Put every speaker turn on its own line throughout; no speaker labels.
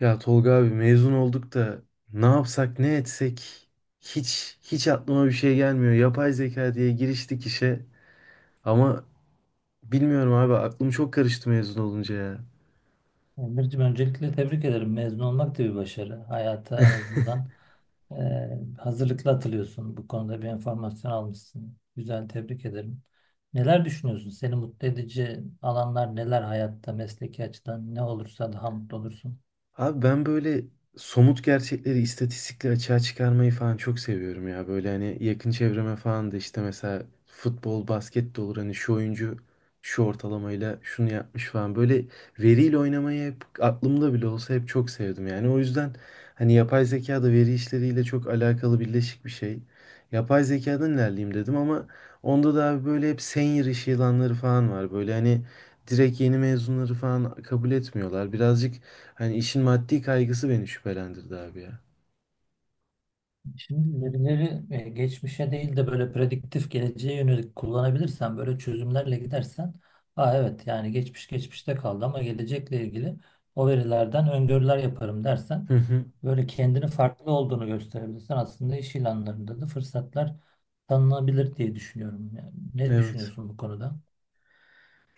Ya Tolga abi mezun olduk da ne yapsak ne etsek hiç aklıma bir şey gelmiyor. Yapay zeka diye giriştik işe ama bilmiyorum abi aklım çok karıştı mezun olunca ya.
Emir'cim öncelikle tebrik ederim. Mezun olmak da bir başarı. Hayata en azından hazırlıklı atılıyorsun. Bu konuda bir enformasyon almışsın. Güzel, tebrik ederim. Neler düşünüyorsun? Seni mutlu edici alanlar neler hayatta, mesleki açıdan ne olursa daha mutlu olursun.
Abi ben böyle somut gerçekleri, istatistikleri açığa çıkarmayı falan çok seviyorum ya. Böyle hani yakın çevreme falan da işte mesela futbol, basket de olur. Hani şu oyuncu şu ortalamayla şunu yapmış falan. Böyle veriyle oynamayı hep aklımda bile olsa hep çok sevdim. Yani o yüzden hani yapay zeka da veri işleriyle çok alakalı birleşik bir şey. Yapay zekadan ilerleyeyim dedim ama onda da abi böyle hep senior iş ilanları falan var. Böyle hani direkt yeni mezunları falan kabul etmiyorlar. Birazcık. Hani işin maddi kaygısı beni şüphelendirdi abi ya.
Şimdi verileri geçmişe değil de böyle prediktif geleceğe yönelik kullanabilirsen, böyle çözümlerle gidersen, evet yani geçmiş geçmişte kaldı ama gelecekle ilgili o verilerden öngörüler yaparım dersen,
Hı hı.
böyle kendini farklı olduğunu gösterebilirsen aslında iş ilanlarında da fırsatlar tanınabilir diye düşünüyorum. Yani ne
Evet.
düşünüyorsun bu konuda?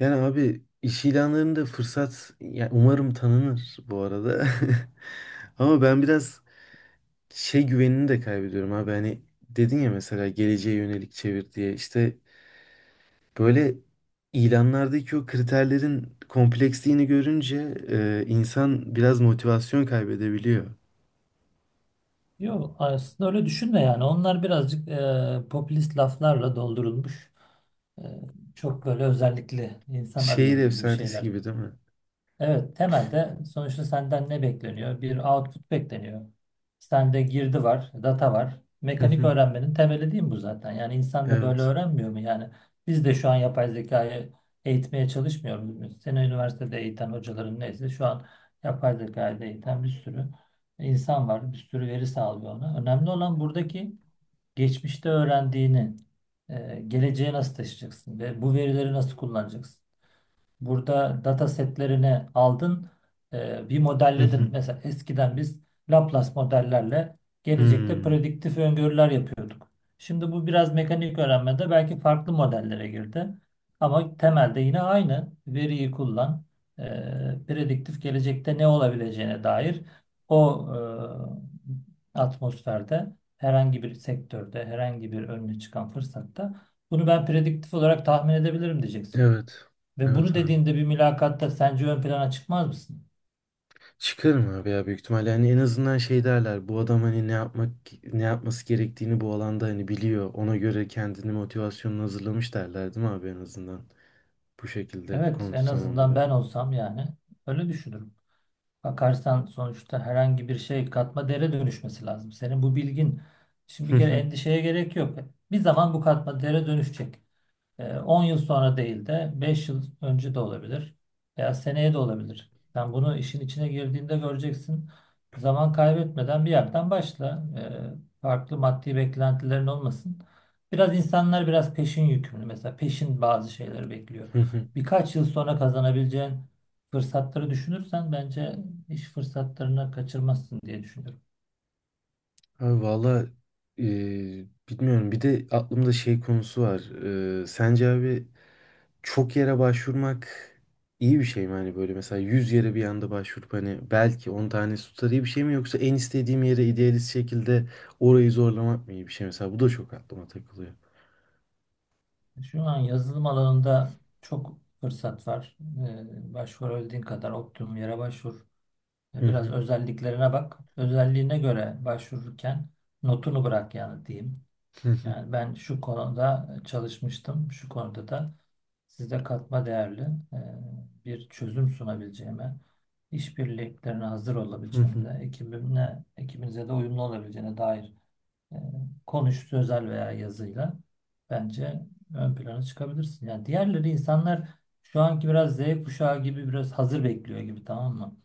Yani abi iş ilanlarında fırsat, yani umarım tanınır bu arada. Ama ben biraz şey güvenini de kaybediyorum abi. Hani dedin ya mesela geleceğe yönelik çevir diye. İşte böyle ilanlardaki o kriterlerin kompleksliğini görünce insan biraz motivasyon kaybedebiliyor.
Yok aslında öyle düşünme yani. Onlar birazcık popülist laflarla doldurulmuş. E, Çok böyle özellikle insan
Şehir
arıyoruz gibi
efsanesi
şeyler.
gibi değil mi?
Evet, temelde sonuçta senden ne bekleniyor? Bir output bekleniyor. Sende girdi var, data var.
Hı
Mekanik
hı.
öğrenmenin temeli değil mi bu zaten? Yani insan da böyle
Evet.
öğrenmiyor mu? Yani biz de şu an yapay zekayı eğitmeye çalışmıyoruz. Muyuz? Seni üniversitede eğiten hocaların neyse şu an yapay zekayı da eğiten bir sürü insan var. Bir sürü veri sağlıyor ona. Önemli olan buradaki geçmişte öğrendiğini, geleceğe nasıl taşıyacaksın ve bu verileri nasıl kullanacaksın? Burada data setlerini aldın, bir
Hı
modelledin.
hı.
Mesela eskiden biz Laplace modellerle gelecekte
Hmm.
prediktif öngörüler yapıyorduk. Şimdi bu biraz mekanik öğrenmede belki farklı modellere girdi. Ama temelde yine aynı veriyi kullan, e, prediktif gelecekte ne olabileceğine dair o atmosferde herhangi bir sektörde, herhangi bir önüne çıkan fırsatta bunu ben prediktif olarak tahmin edebilirim diyeceksin.
Evet.
Ve bunu
Evet abi.
dediğinde bir mülakatta sence ön plana çıkmaz mısın?
Çıkarım abi ya, büyük ihtimalle. Yani en azından şey derler, bu adam hani ne yapmak ne yapması gerektiğini bu alanda hani biliyor, ona göre kendini motivasyonunu hazırlamış derler değil mi abi, en azından bu şekilde
Evet, en
konuşsam
azından
onlara.
ben olsam yani öyle düşünürüm. Bakarsan sonuçta herhangi bir şey katma değere dönüşmesi lazım. Senin bu bilgin şimdi bir kere endişeye gerek yok. Bir zaman bu katma değere dönüşecek. 10 yıl sonra değil de 5 yıl önce de olabilir veya seneye de olabilir. Sen bunu işin içine girdiğinde göreceksin. Zaman kaybetmeden bir yerden başla. Farklı maddi beklentilerin olmasın. Biraz insanlar biraz peşin yükümlü. Mesela peşin bazı şeyleri bekliyor.
Hı hı.
Birkaç yıl sonra kazanabileceğin fırsatları düşünürsen bence iş fırsatlarını kaçırmazsın diye düşünüyorum.
Abi valla e, bilmiyorum, bir de aklımda şey konusu var. Sence abi çok yere başvurmak iyi bir şey mi? Hani böyle mesela 100 yere bir anda başvurup hani belki 10 tanesi tutar iyi bir şey mi? Yoksa en istediğim yere idealist şekilde orayı zorlamak mı iyi bir şey? Mesela bu da çok aklıma takılıyor.
Şu an yazılım alanında çok fırsat var. Başvurabildiğin kadar optimum yere başvur.
Hı
Biraz
hı.
özelliklerine bak. Özelliğine göre başvururken notunu bırak yani diyeyim.
Hı hı.
Yani ben şu konuda çalışmıştım. Şu konuda da size katma değerli e, bir çözüm sunabileceğime, işbirliklerine hazır
Hı hı.
olabileceğimize, ekibimle, ekibinize de uyumlu olabileceğine dair e, konuş sözel veya yazıyla bence ön plana çıkabilirsin. Yani diğerleri insanlar şu anki biraz Z kuşağı gibi biraz hazır bekliyor gibi tamam mı?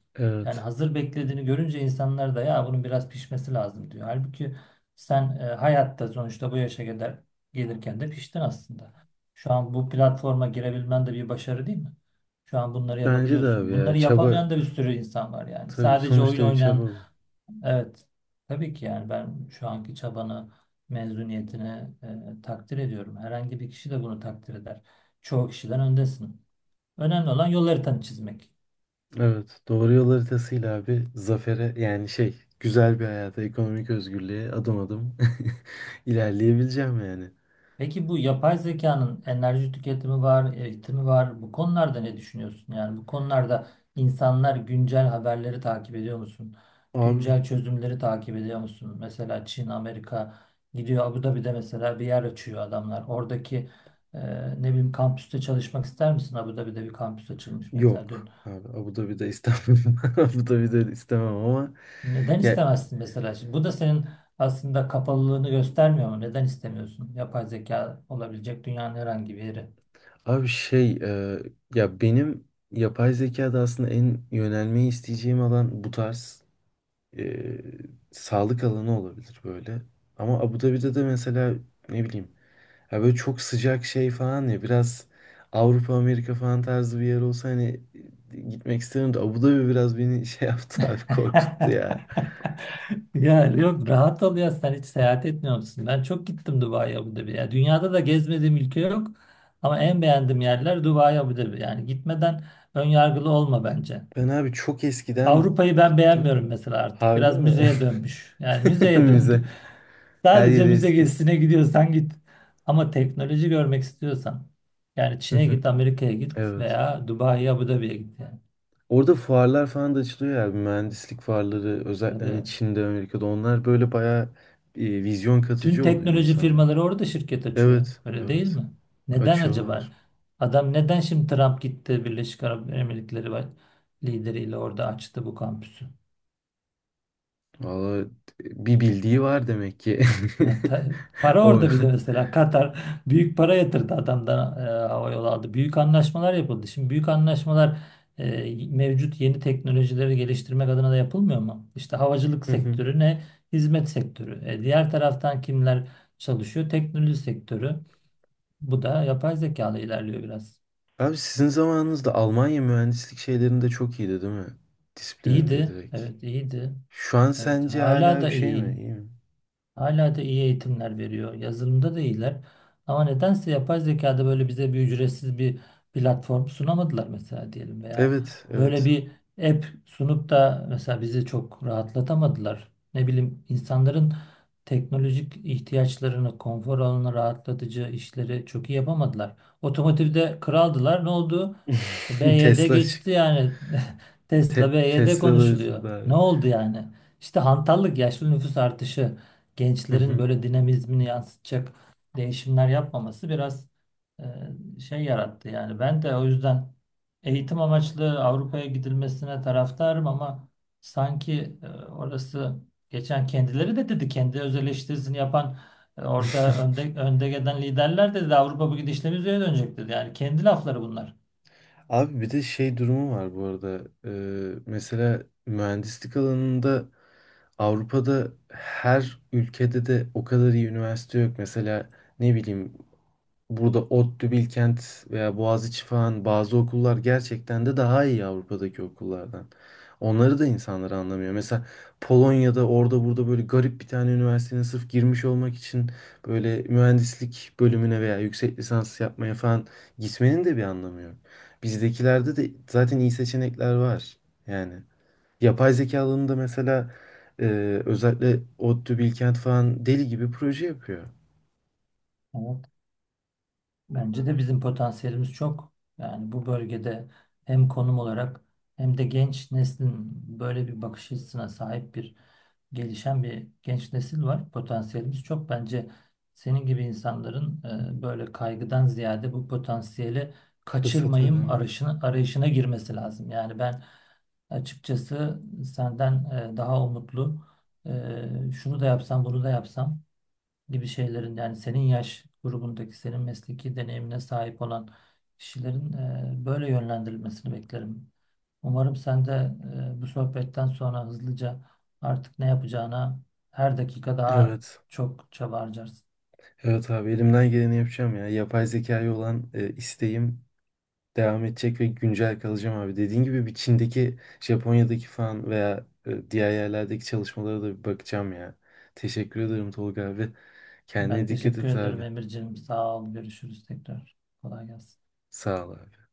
Yani
Evet.
hazır beklediğini görünce insanlar da ya bunun biraz pişmesi lazım diyor. Halbuki sen hayatta sonuçta bu yaşa kadar gelirken de piştin aslında. Şu an bu platforma girebilmen de bir başarı değil mi? Şu an bunları
Bence de abi
yapabiliyorsun.
ya,
Bunları
çaba,
yapamayan da bir sürü insan var yani.
tabii
Sadece oyun
sonuçta bir çaba
oynayan
bu.
evet. Tabii ki yani ben şu anki çabanı, mezuniyetini takdir ediyorum. Herhangi bir kişi de bunu takdir eder. Çoğu kişiden öndesin. Önemli olan yol haritanı çizmek.
Evet. Doğru yol haritasıyla abi zafere, yani şey, güzel bir hayata, ekonomik özgürlüğe adım adım ilerleyebileceğim yani.
Peki bu yapay zekanın enerji tüketimi var, eğitimi var. Bu konularda ne düşünüyorsun? Yani bu konularda insanlar güncel haberleri takip ediyor musun?
Abi
Güncel çözümleri takip ediyor musun? Mesela Çin, Amerika gidiyor Abu Dhabi'de mesela bir yer açıyor adamlar. Oradaki e, ne bileyim kampüste çalışmak ister misin? Abu Dhabi'de bir kampüs açılmış mesela
yok
dün.
abi, Abu Dhabi'de istemem. Abu Dhabi'de istemem ama
Neden
ya
istemezsin mesela şimdi? Bu da senin aslında kapalılığını göstermiyor mu? Neden istemiyorsun? Yapay zeka olabilecek dünyanın herhangi bir yeri.
abi şey ya benim yapay zekada aslında en yönelmeyi isteyeceğim alan bu tarz e, sağlık alanı olabilir böyle. Ama Abu Dhabi'de de mesela ne bileyim, ya böyle çok sıcak şey falan, ya biraz Avrupa Amerika falan tarzı bir yer olsa hani gitmek isterim de Abu Dhabi biraz beni şey yaptı abi, korkuttu ya.
Ya yok rahat ol ya sen hiç seyahat etmiyor musun? Ben çok gittim Dubai Abu Dhabi. Ya dünyada da gezmediğim ülke yok ama en beğendiğim yerler Dubai Abu Dhabi. Yani gitmeden ön yargılı olma bence.
Ben abi çok eskiden
Avrupa'yı ben
gittim de.
beğenmiyorum mesela artık.
Harbi
Biraz
mi?
müzeye dönmüş. Yani müzeye
Müze.
döndü.
Her
Sadece
yeri
müze
eski.
gezisine gidiyorsan git. Ama teknoloji görmek istiyorsan yani
Hı
Çin'e
hı.
git, Amerika'ya git
Evet.
veya Dubai Abu Dhabi'ye git yani.
Orada fuarlar falan da açılıyor ya. Mühendislik fuarları özellikle hani
Tabii.
Çin'de, Amerika'da onlar böyle bayağı vizyon
Tüm
katıcı oluyor
teknoloji
insanlar.
firmaları orada şirket açıyor.
Evet,
Öyle değil
evet.
mi? Neden acaba?
Açıyorlar.
Adam neden şimdi Trump gitti Birleşik Arap Emirlikleri var, lideriyle orada açtı bu kampüsü?
Valla bir bildiği var demek ki.
Ya ta- Para
O.
orada, bir de mesela Katar büyük para yatırdı adamdan hava yolu aldı. Büyük anlaşmalar yapıldı. Şimdi büyük anlaşmalar mevcut yeni teknolojileri geliştirmek adına da yapılmıyor mu? İşte havacılık
Hı hı.
sektörü ne? Hizmet sektörü. Diğer taraftan kimler çalışıyor? Teknoloji sektörü. Bu da yapay zekalı ilerliyor biraz.
Abi sizin zamanınızda Almanya mühendislik şeylerinde çok iyiydi değil mi? Disiplininde
İyiydi.
direkt.
Evet iyiydi.
Şu an
Evet
sence
hala
hala
da
bir şey mi?
iyi.
İyi mi?
Hala da iyi eğitimler veriyor. Yazılımda da iyiler. Ama nedense yapay zekada böyle bize bir ücretsiz bir platform sunamadılar mesela diyelim veya
Evet,
böyle
evet.
bir app sunup da mesela bizi çok rahatlatamadılar. Ne bileyim insanların teknolojik ihtiyaçlarını, konfor alanını, rahatlatıcı işleri çok iyi yapamadılar. Otomotivde kraldılar. Ne oldu? B Y D
Tesla çık-
geçti yani. Tesla B Y D
Tesla da
konuşuluyor.
bitirdi
Ne
abi.
oldu yani? İşte hantallık, yaşlı nüfus artışı,
Hı
gençlerin
hı.
böyle dinamizmini yansıtacak değişimler yapmaması biraz şey yarattı. Yani ben de o yüzden eğitim amaçlı Avrupa'ya gidilmesine taraftarım ama sanki orası, geçen kendileri de dedi, kendi öz eleştirisini yapan yani, orada önde gelen liderler de dedi Avrupa bu gidişle müziğe dönecek dedi. Yani kendi lafları bunlar.
Abi bir de şey durumu var bu arada. Mesela mühendislik alanında Avrupa'da her ülkede de o kadar iyi üniversite yok. Mesela ne bileyim, burada ODTÜ, Bilkent veya Boğaziçi falan bazı okullar gerçekten de daha iyi Avrupa'daki okullardan. Onları da insanlar anlamıyor. Mesela Polonya'da orada burada böyle garip bir tane üniversitenin sırf girmiş olmak için böyle mühendislik bölümüne veya yüksek lisans yapmaya falan gitmenin de bir anlamı yok. Bizdekilerde de zaten iyi seçenekler var. Yani yapay zeka alanında mesela e, özellikle ODTÜ, Bilkent falan deli gibi proje yapıyor.
Evet. Bence de bizim potansiyelimiz çok. Yani bu bölgede hem konum olarak hem de genç neslin böyle bir bakış açısına sahip bir gelişen bir genç nesil var. Potansiyelimiz çok. Bence senin gibi insanların böyle kaygıdan ziyade bu potansiyeli
Fırsat
kaçırmayayım
değil.
arayışına, girmesi lazım. Yani ben açıkçası senden daha umutlu şunu da yapsam bunu da yapsam gibi şeylerin yani senin yaş grubundaki senin mesleki deneyimine sahip olan kişilerin böyle yönlendirilmesini beklerim. Umarım sen de bu sohbetten sonra hızlıca artık ne yapacağına her dakika daha
Evet.
çok çaba harcarsın.
Evet abi, elimden geleni yapacağım ya. Yapay zekaya olan isteğim devam edecek ve güncel kalacağım abi. Dediğin gibi bir Çin'deki, Japonya'daki falan veya diğer yerlerdeki çalışmalara da bir bakacağım ya. Teşekkür ederim Tolga abi. Kendine
Ben
dikkat
teşekkür
et
ederim
abi.
Emirciğim. Sağ ol. Görüşürüz tekrar. Kolay gelsin.
Sağ ol abi.